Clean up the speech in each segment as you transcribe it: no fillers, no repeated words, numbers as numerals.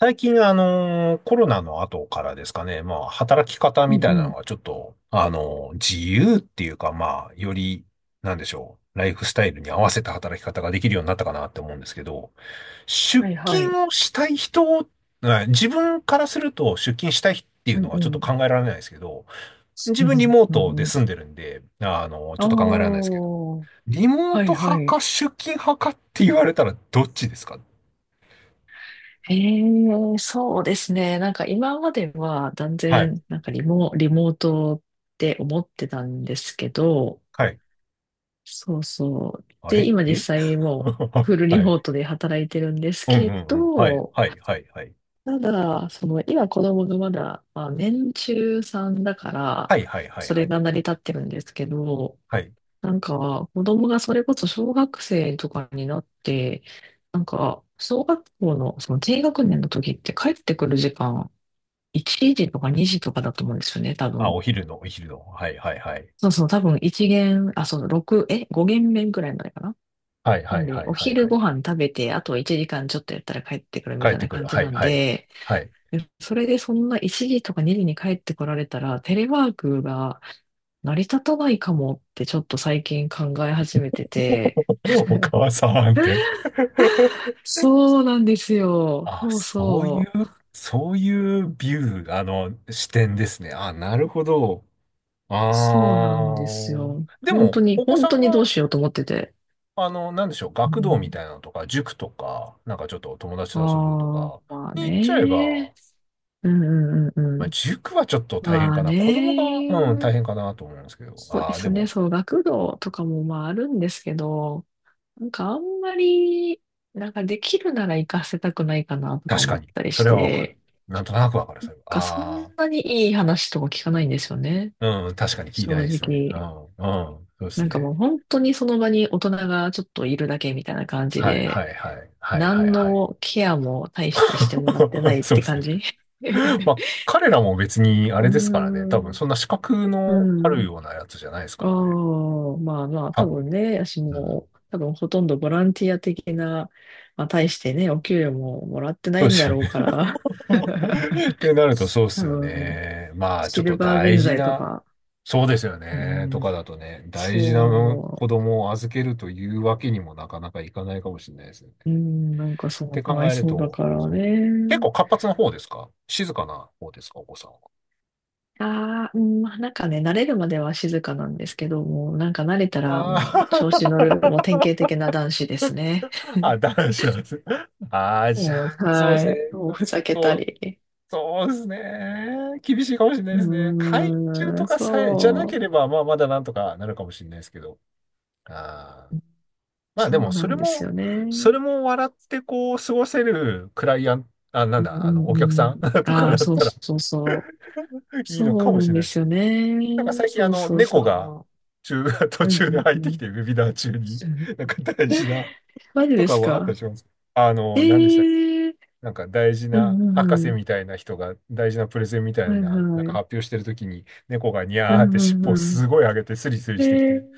最近、コロナの後からですかね、まあ、働き方うみんたういなのん。がちょっと、自由っていうか、まあ、より、なんでしょう、ライフスタイルに合わせた働き方ができるようになったかなって思うんですけど、出はいはい。勤をしたい人、はい、自分からすると出勤したいっていううのんがちうょっと考ん。えられないですけど、自うん分リモーうトでんうん。住んでるんで、あちょっと考えられないですあ、けど、リモーはトい派はい。か出勤派かって言われたらどっちですか？ええ、そうですね。なんか今までは断はい。然、なんかリモートって思ってたんですけど、はい、そうそう。あで、れ今実え。 際 もうはフルリい。モートで働いてるんですうんうんけうん。はい、ど、はい、はい、はい。ただ、その今子供がまだ、まあ、年中さんだから、はい、はい、はい、そはれい。が成り立ってるんですけど、はい。なんか、子供がそれこそ小学生とかになって、なんか、小学校のその低学年の時って帰ってくる時間、1時とか2時とかだと思うんですよね、多あ、分。お昼の、お昼の。はい、はい、はい。そうそう、多分1限、あ、そう、6、5限目ぐらいまでかな。はい、なはんい、はで、い、おはい。昼はい、ご飯食べて、あと1時間ちょっとやったら帰ってくるみ帰ったいてなくる。感じはい、なんはい。で、はい。でそれでそんな1時とか2時に帰ってこられたら、テレワークが成り立たないかもってちょっと最近考え始めてて、お母さんって。そうなんですよ。あ、そうそういそう、う。そういうビュー、あの、視点ですね。あ、なるほど。あそうなんですー。よ。で本も、当に、お子本さ当んにどうが、しようと思ってて。あの、なんでしょう、う学童みたん、いなのとか、塾とか、なんかちょっと友達あと遊ぶとあ、か、まあに行っちゃえば、ね。うんうんうんうまあ、ん。塾はちょっと大変まあかな。子供が、ね。うん、大変かなと思うんですけど。そうでああ、ですね。も、そう、学童とかもまああるんですけど、なんかあんまり、なんかできるなら行かせたくないかなとか確思かっに。たりそしれはわかる。て、なんとなくわかる、なそんれは。かそああ、んなにいい話とか聞かないんですよね。うん、確かに聞いてな正いですね。う直。ん、うん、そうですなんかね。もう本当にその場に大人がちょっといるだけみたいな感じはい、はで、い、はい、はい、は何い、はい。のケアも大してしてもらってな いっそうてです感ね。じ。 うまあ、彼らも別にあーれですからね。多分、ん、そんな資格うのあるん。ようなやつじゃないですあからね。あ、まあまあ、多多分。分ね、私うん。も、多分ほとんどボランティア的な、まあ、大してね、お給料ももらってなそういでんだすよろうね。から、ってなるとそうです多よ分、ね。まあ、ちシょっとルバー大人事材とな、か、そうですようね。とん、かだとね、大事なそ子供を預けるというわけにもなかなかいかないかもしれないですね。っう、うん、なんかそう、てか考わいえるそうだと、からそう。結ね。構活発な方ですか、静かな方ですか、お子さんは？ああ、うん、まあ、なんかね、慣れるまでは静かなんですけど、もうなんか慣れたらもう調あ子乗る、もう典型的な男子ですね。あ。 あ、男子なんです。ああ、じゃもう、あ、そうではすね。い。ちもうょっふざけたと、り。そうですね。厳しいかもしれないですね。う海中ーとん、かさえ、じゃなけそれば、まあ、まだなんとかなるかもしれないですけど。ああ。う。まあそでうも、なそれんですも、よね。それも笑ってこう、過ごせるクライアント、あ、なうんだ、あんの、うお客さん ん。とかああ、だっそうたら そうそう。いいのそかうもなしんれなでいですすけよど。ね。なんか最近あそうの、そう猫がそ中、う。途うん中うでん入うってきん。て、ウェビナー中に、なんか大事な、マジとでかすはあったりか？します。あえの、何でしたっけ？えー。なんか大事うんなうん博う士ん。みたいな人が大事なプレゼンみたはいいな、なんはかい。発表してるときに猫がニャうーって尻んう尾をんうん。すごい上げてスリスリしてきて、ねえ、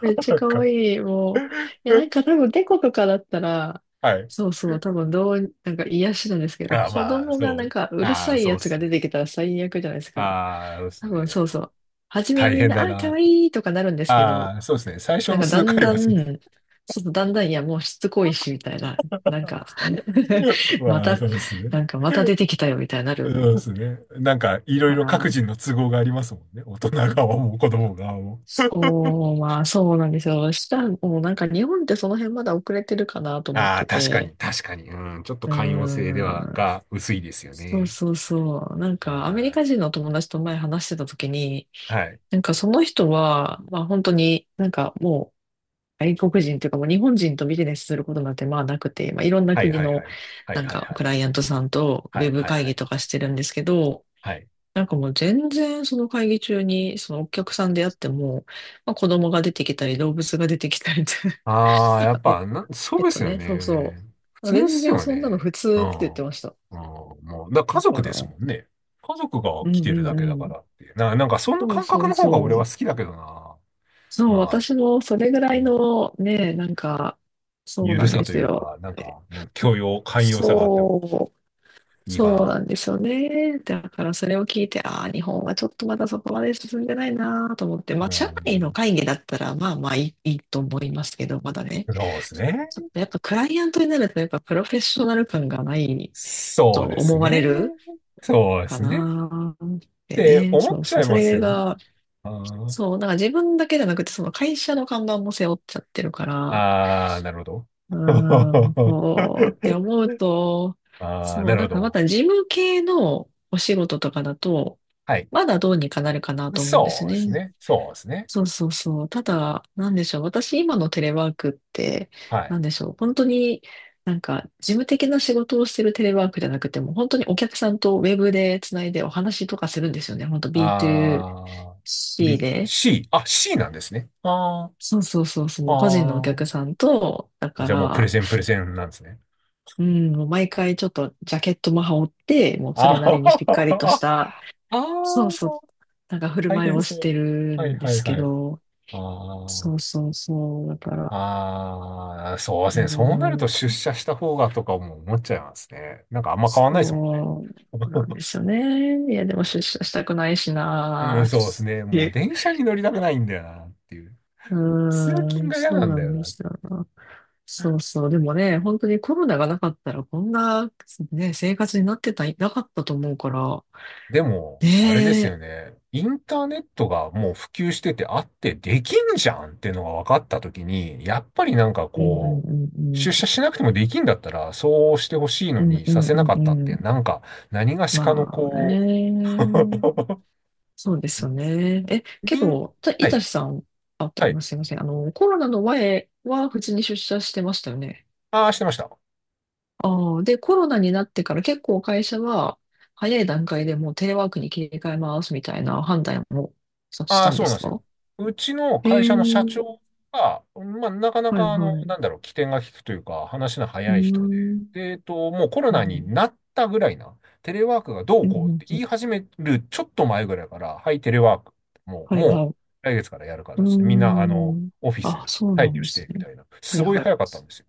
めっ ちゃなん可か、愛い、もう。いや、なんか 多分、猫とかだったら、はい。そうそう、多分、どう、なんか癒しなんですけど、あ、子まあ、供がそなんう。か、うるあさあ、いそうやっつがす出てね。きたら最悪じゃないですか。ああ、そうです多分、そうね。そう。初めは大みん変な、だあ、可な。愛いとかなるんですけあど、あ、そうですね。最初なんのかだ数ん回だはん、そうです。そうそう、だんだん、いや、もうしつこいし、みたいな、なんか ままあ、た、そうですね。なんかまた出てきたよ、みたいになそるうですね。なんか、いろいかろ各ら、人の都合がありますもんね。大人側も子供側も。そう、まあ、そうなんですよ。したら、もうなんか日本ってその辺まだ遅れてるかなと思っああ、て確かて。に、確かに。うん、ちょっとうー寛容性では、ん。が薄いですよそうね。そうそう。なんかアメリカあ人の友達と前話してた時に、あ、はい。なんかその人は、まあ本当になんかもう外国人というかもう日本人とビジネスすることなんてまあなくて、まあいろんなはい、国はい、のはい。はない、んはい、かはクい。ライアントさんとウはェい、ブはい、会は議い。とかしてるんですけど、はい、なんかもう全然その会議中にそのお客さんであっても、まあ、子供が出てきたり動物が出てきたりって ああ、や っペッ、ぱ、な、そペうッでトすよね、そうそね。普う。通で全す然よそんなのね。普う通ん。って言ってました。うん、もう、だから家だ族から、でうすんもんね。家族がう来んてるだうけだかん。らっていう。な、なんか、そのそう感そ覚うの方が俺はそ好う。きだけどな。そう、まあ、私もそれぐらいのね、なんか、そうゆなるんさでとすいうか、よ。なんか、うん、許容、寛容さがあってもそういいそうなかんですよね。だからそれを聞いて、ああ、日本はちょっとまだそこまで進んでないなと思って、まな。あ、社う内の会議だったら、まあまあいいと思いますけど、まだね、ん、そうですね。ちょっとやっぱクライアントになると、やっぱプロフェッショナル感がないそとうです思われね。るそうでかすね。っなっててね、思っそうちゃそう、いそますれよね。が、あー、そう、なんか自分だけじゃなくて、その会社の看板も背負っちゃってるから、あー、なるほど。うーん、そうって思うと、ああ、そなう、るなほんかまど。た事務系のお仕事とかだと、はい。まだどうにかなるかなと思うんですそうですね。ね。そうですね。そうそうそう。ただ、なんでしょう。私、今のテレワークって、はない。んでしょう。本当になんか、事務的な仕事をしてるテレワークじゃなくても、本当にお客さんとウェブでつないでお話とかするんですよね。本当 あー、B2C B、で。C。あ、C なんですね。あー、そうそうそうそう。個人のおあ客さんと、だー。かじゃあもうプレら、ゼンプレゼンなんですね。うん、もう毎回ちょっとジャケットも羽織って、もうそれあなりにしっかりとしー、た、あそうそう、ー、なんか振る大舞い変をそしてう。るはい、んではい、すけはい。ど、あー、そうそうそう。だから、あー、そうでうーすね。そうなると出ん、社した方がとかも思っちゃいますね。なんかあんま変わんないですもんね。そうなんで すよね。いや、でも出社したくないしうん、な。そうですね。もうえ、電車に乗りたくないんだよなっていう。う通ー勤ん、が嫌そうなんなだんよでな。すよな。そうそう。でもね、本当にコロナがなかったら、こんな、ね、生活になってた、なかったと思うから、でも、あれでねすよえ、ね。インターネットがもう普及しててあってできんじゃんっていうのが分かったときに、やっぱりなんかうんうこう、んう出社んしなくてもできんだったら、そうしてほしいうのん、にうさんうんせうなんかったっうて、ん、なんか、何がしかのまあこう、ね。そうですよね。け人、ど、たいはたい、しさん、あ、とはごめい。んすいません。コロナの前は普通に出社してましたよね。ああ、してました。ああ、で、コロナになってから結構会社は早い段階でもうテレワークに切り替えますみたいな判断をさしああ、たんそでうなんすですよ。か？うちのへ会社の社え、長が、まあ、なかなはいか、あの、はい。うなんだろう、機転が利くというか、話のー早い人で、ん。で、もうコロうんナうにん、なったぐらいな、テレワークがどううんうこうんっうて言いん、始めるちょっと前ぐらいから、はい、テレワーク、もう、はいはもい。う、来月からやるかうらーっつって、みんな、あの、ん。オフィあ、スそうな退ん去でしすて、みね。たいな、はすいごいはい。早かったんですよ。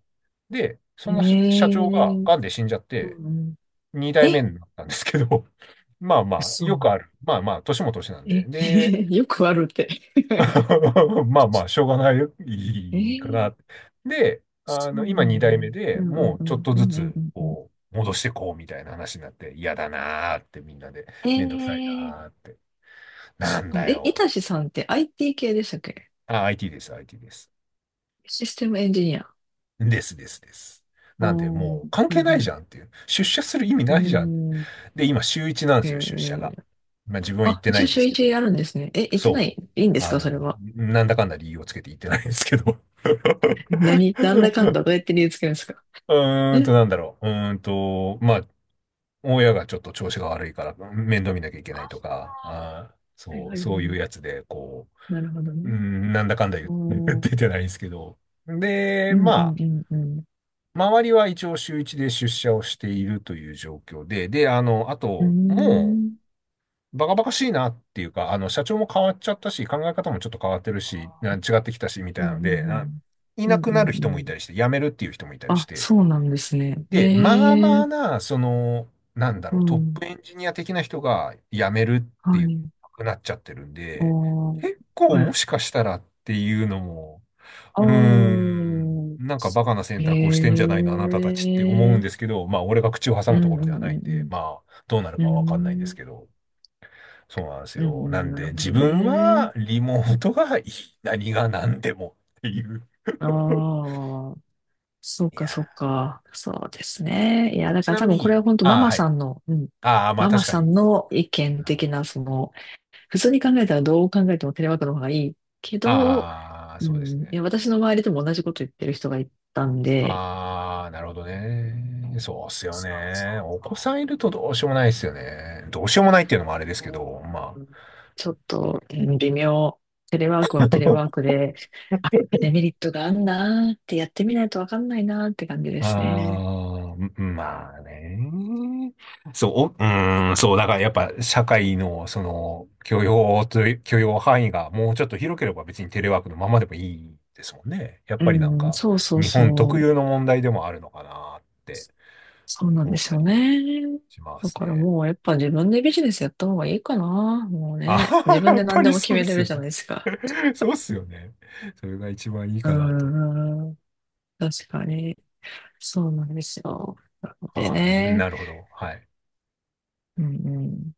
で、えその社社長が、え、癌で死んじゃっうて、んうん。二代目え、になったんですけど、まあまあ、よく嘘。ある。まあまあ、年も年なんで。え、で、よくあるって。まあまあ、しょうがないよえいいかー、な。で、そあの、う今な2んだ。代目でうんうんもううちょっんとうずんうつ、んうんこう、戻してこうみたいな話になって、嫌だなーってみんなで、うん。めんどくさいなーって。なそっんか。だいよ。たしさんって IT 系でしたっけ？あ、IT です、IT です。システムエンジニア？あですですです。あ、なんで、はもう関い係なはいい。じうゃんっていう。出社する意味ーないじゃん。ん。で、今週一なんでえすよ、出社が。ー、まあ自分は行っあ、てな一い応んで週すけ一ど。やるんですね。行ってなそい、う。いいんですあか、それの、は？なんだかんだ理由をつけて行ってないんですけど。何、なんだかん だどうやって理由つけるんですか？うーんと、え、なんだろう。うーんと、まあ、親がちょっと調子が悪いから面倒見なきゃいけなあ、いとか、あー、はいそはう、いはい。そういうやつで、こなるほどう、うーね。ん、なんだかんだ言って おー、出てないんですけど。で、うんまうんあ、うんうん。周りは一応週一で出社をしているという状況で、で、あの、あうーと、もん。う、バカバカしいなっていうか、あの、社長も変わっちゃったし、考え方もちょっと変わってるし、な違ってきたし、みうたんいなので、あ、いうんうなん。うんくなるうん人もいうん。たりして、辞めるっていう人もいたりしあ、て、そうなんですね。で、まあへまあえ、な、その、なんだうろう、トッん。プエンジニア的な人が辞めるってはいう、い。なくなっちゃってるんあで、あ、結構はい。もしかしたらっていうのも、あうーあ、ん、なんかバカな選択をしてんじゃないの、あなたへたちって思うんでえ、すけど、まあ俺が口を挟うむんとこうろではないんで、んまあどうなるうんうかはわかんないんでん。うすけん。ど、そうなんですうんよ。うなん、んなるでほ自ど分ね。はリモートがいい、何が何でもっていう。ああ、そういかやそうー、か。そうですね。いや、だちからな多み分これはに、本当マああ、マはさい。んの、うん。ああ、まあママ確かさに。んの意見的な、その、普通に考えたらどう考えてもテレワークの方がいいけど、ああ、うそうですん。いね。や、私の周りでも同じこと言ってる人がいたんで、ああ、なるほどね。そうっすよそうそね。お子さんいるとどうしようもないですよね。どうしようもないっていうのもあれですけう。ど、まうあ。ん、ちょっと、うん、微妙。テレワークはテレワーク で、あ、デメリットがあんなーってやってみないとわかんないなーって感じであすね。あ、うん、まあね。そう、お、うん、そう、だからやっぱ社会のその許容という、許容範囲がもうちょっと広ければ別にテレワークのままでもいいですもんね。やっうぱりなんん、かそうそう日そ本特う。有の問題でもあるのかなってそうなんで思っすたよりね。しまだすからね。もうやっぱ自分でビジネスやった方がいいかな。もうあ、ね。自 分やっでぱ何でりも決そうでめれするよじゃね。ないですか。そうっすよね。それが一番いいうかなと。ん、確かに。そうなんですよ。なのでああ、ね。なるほど。はい。うんうん。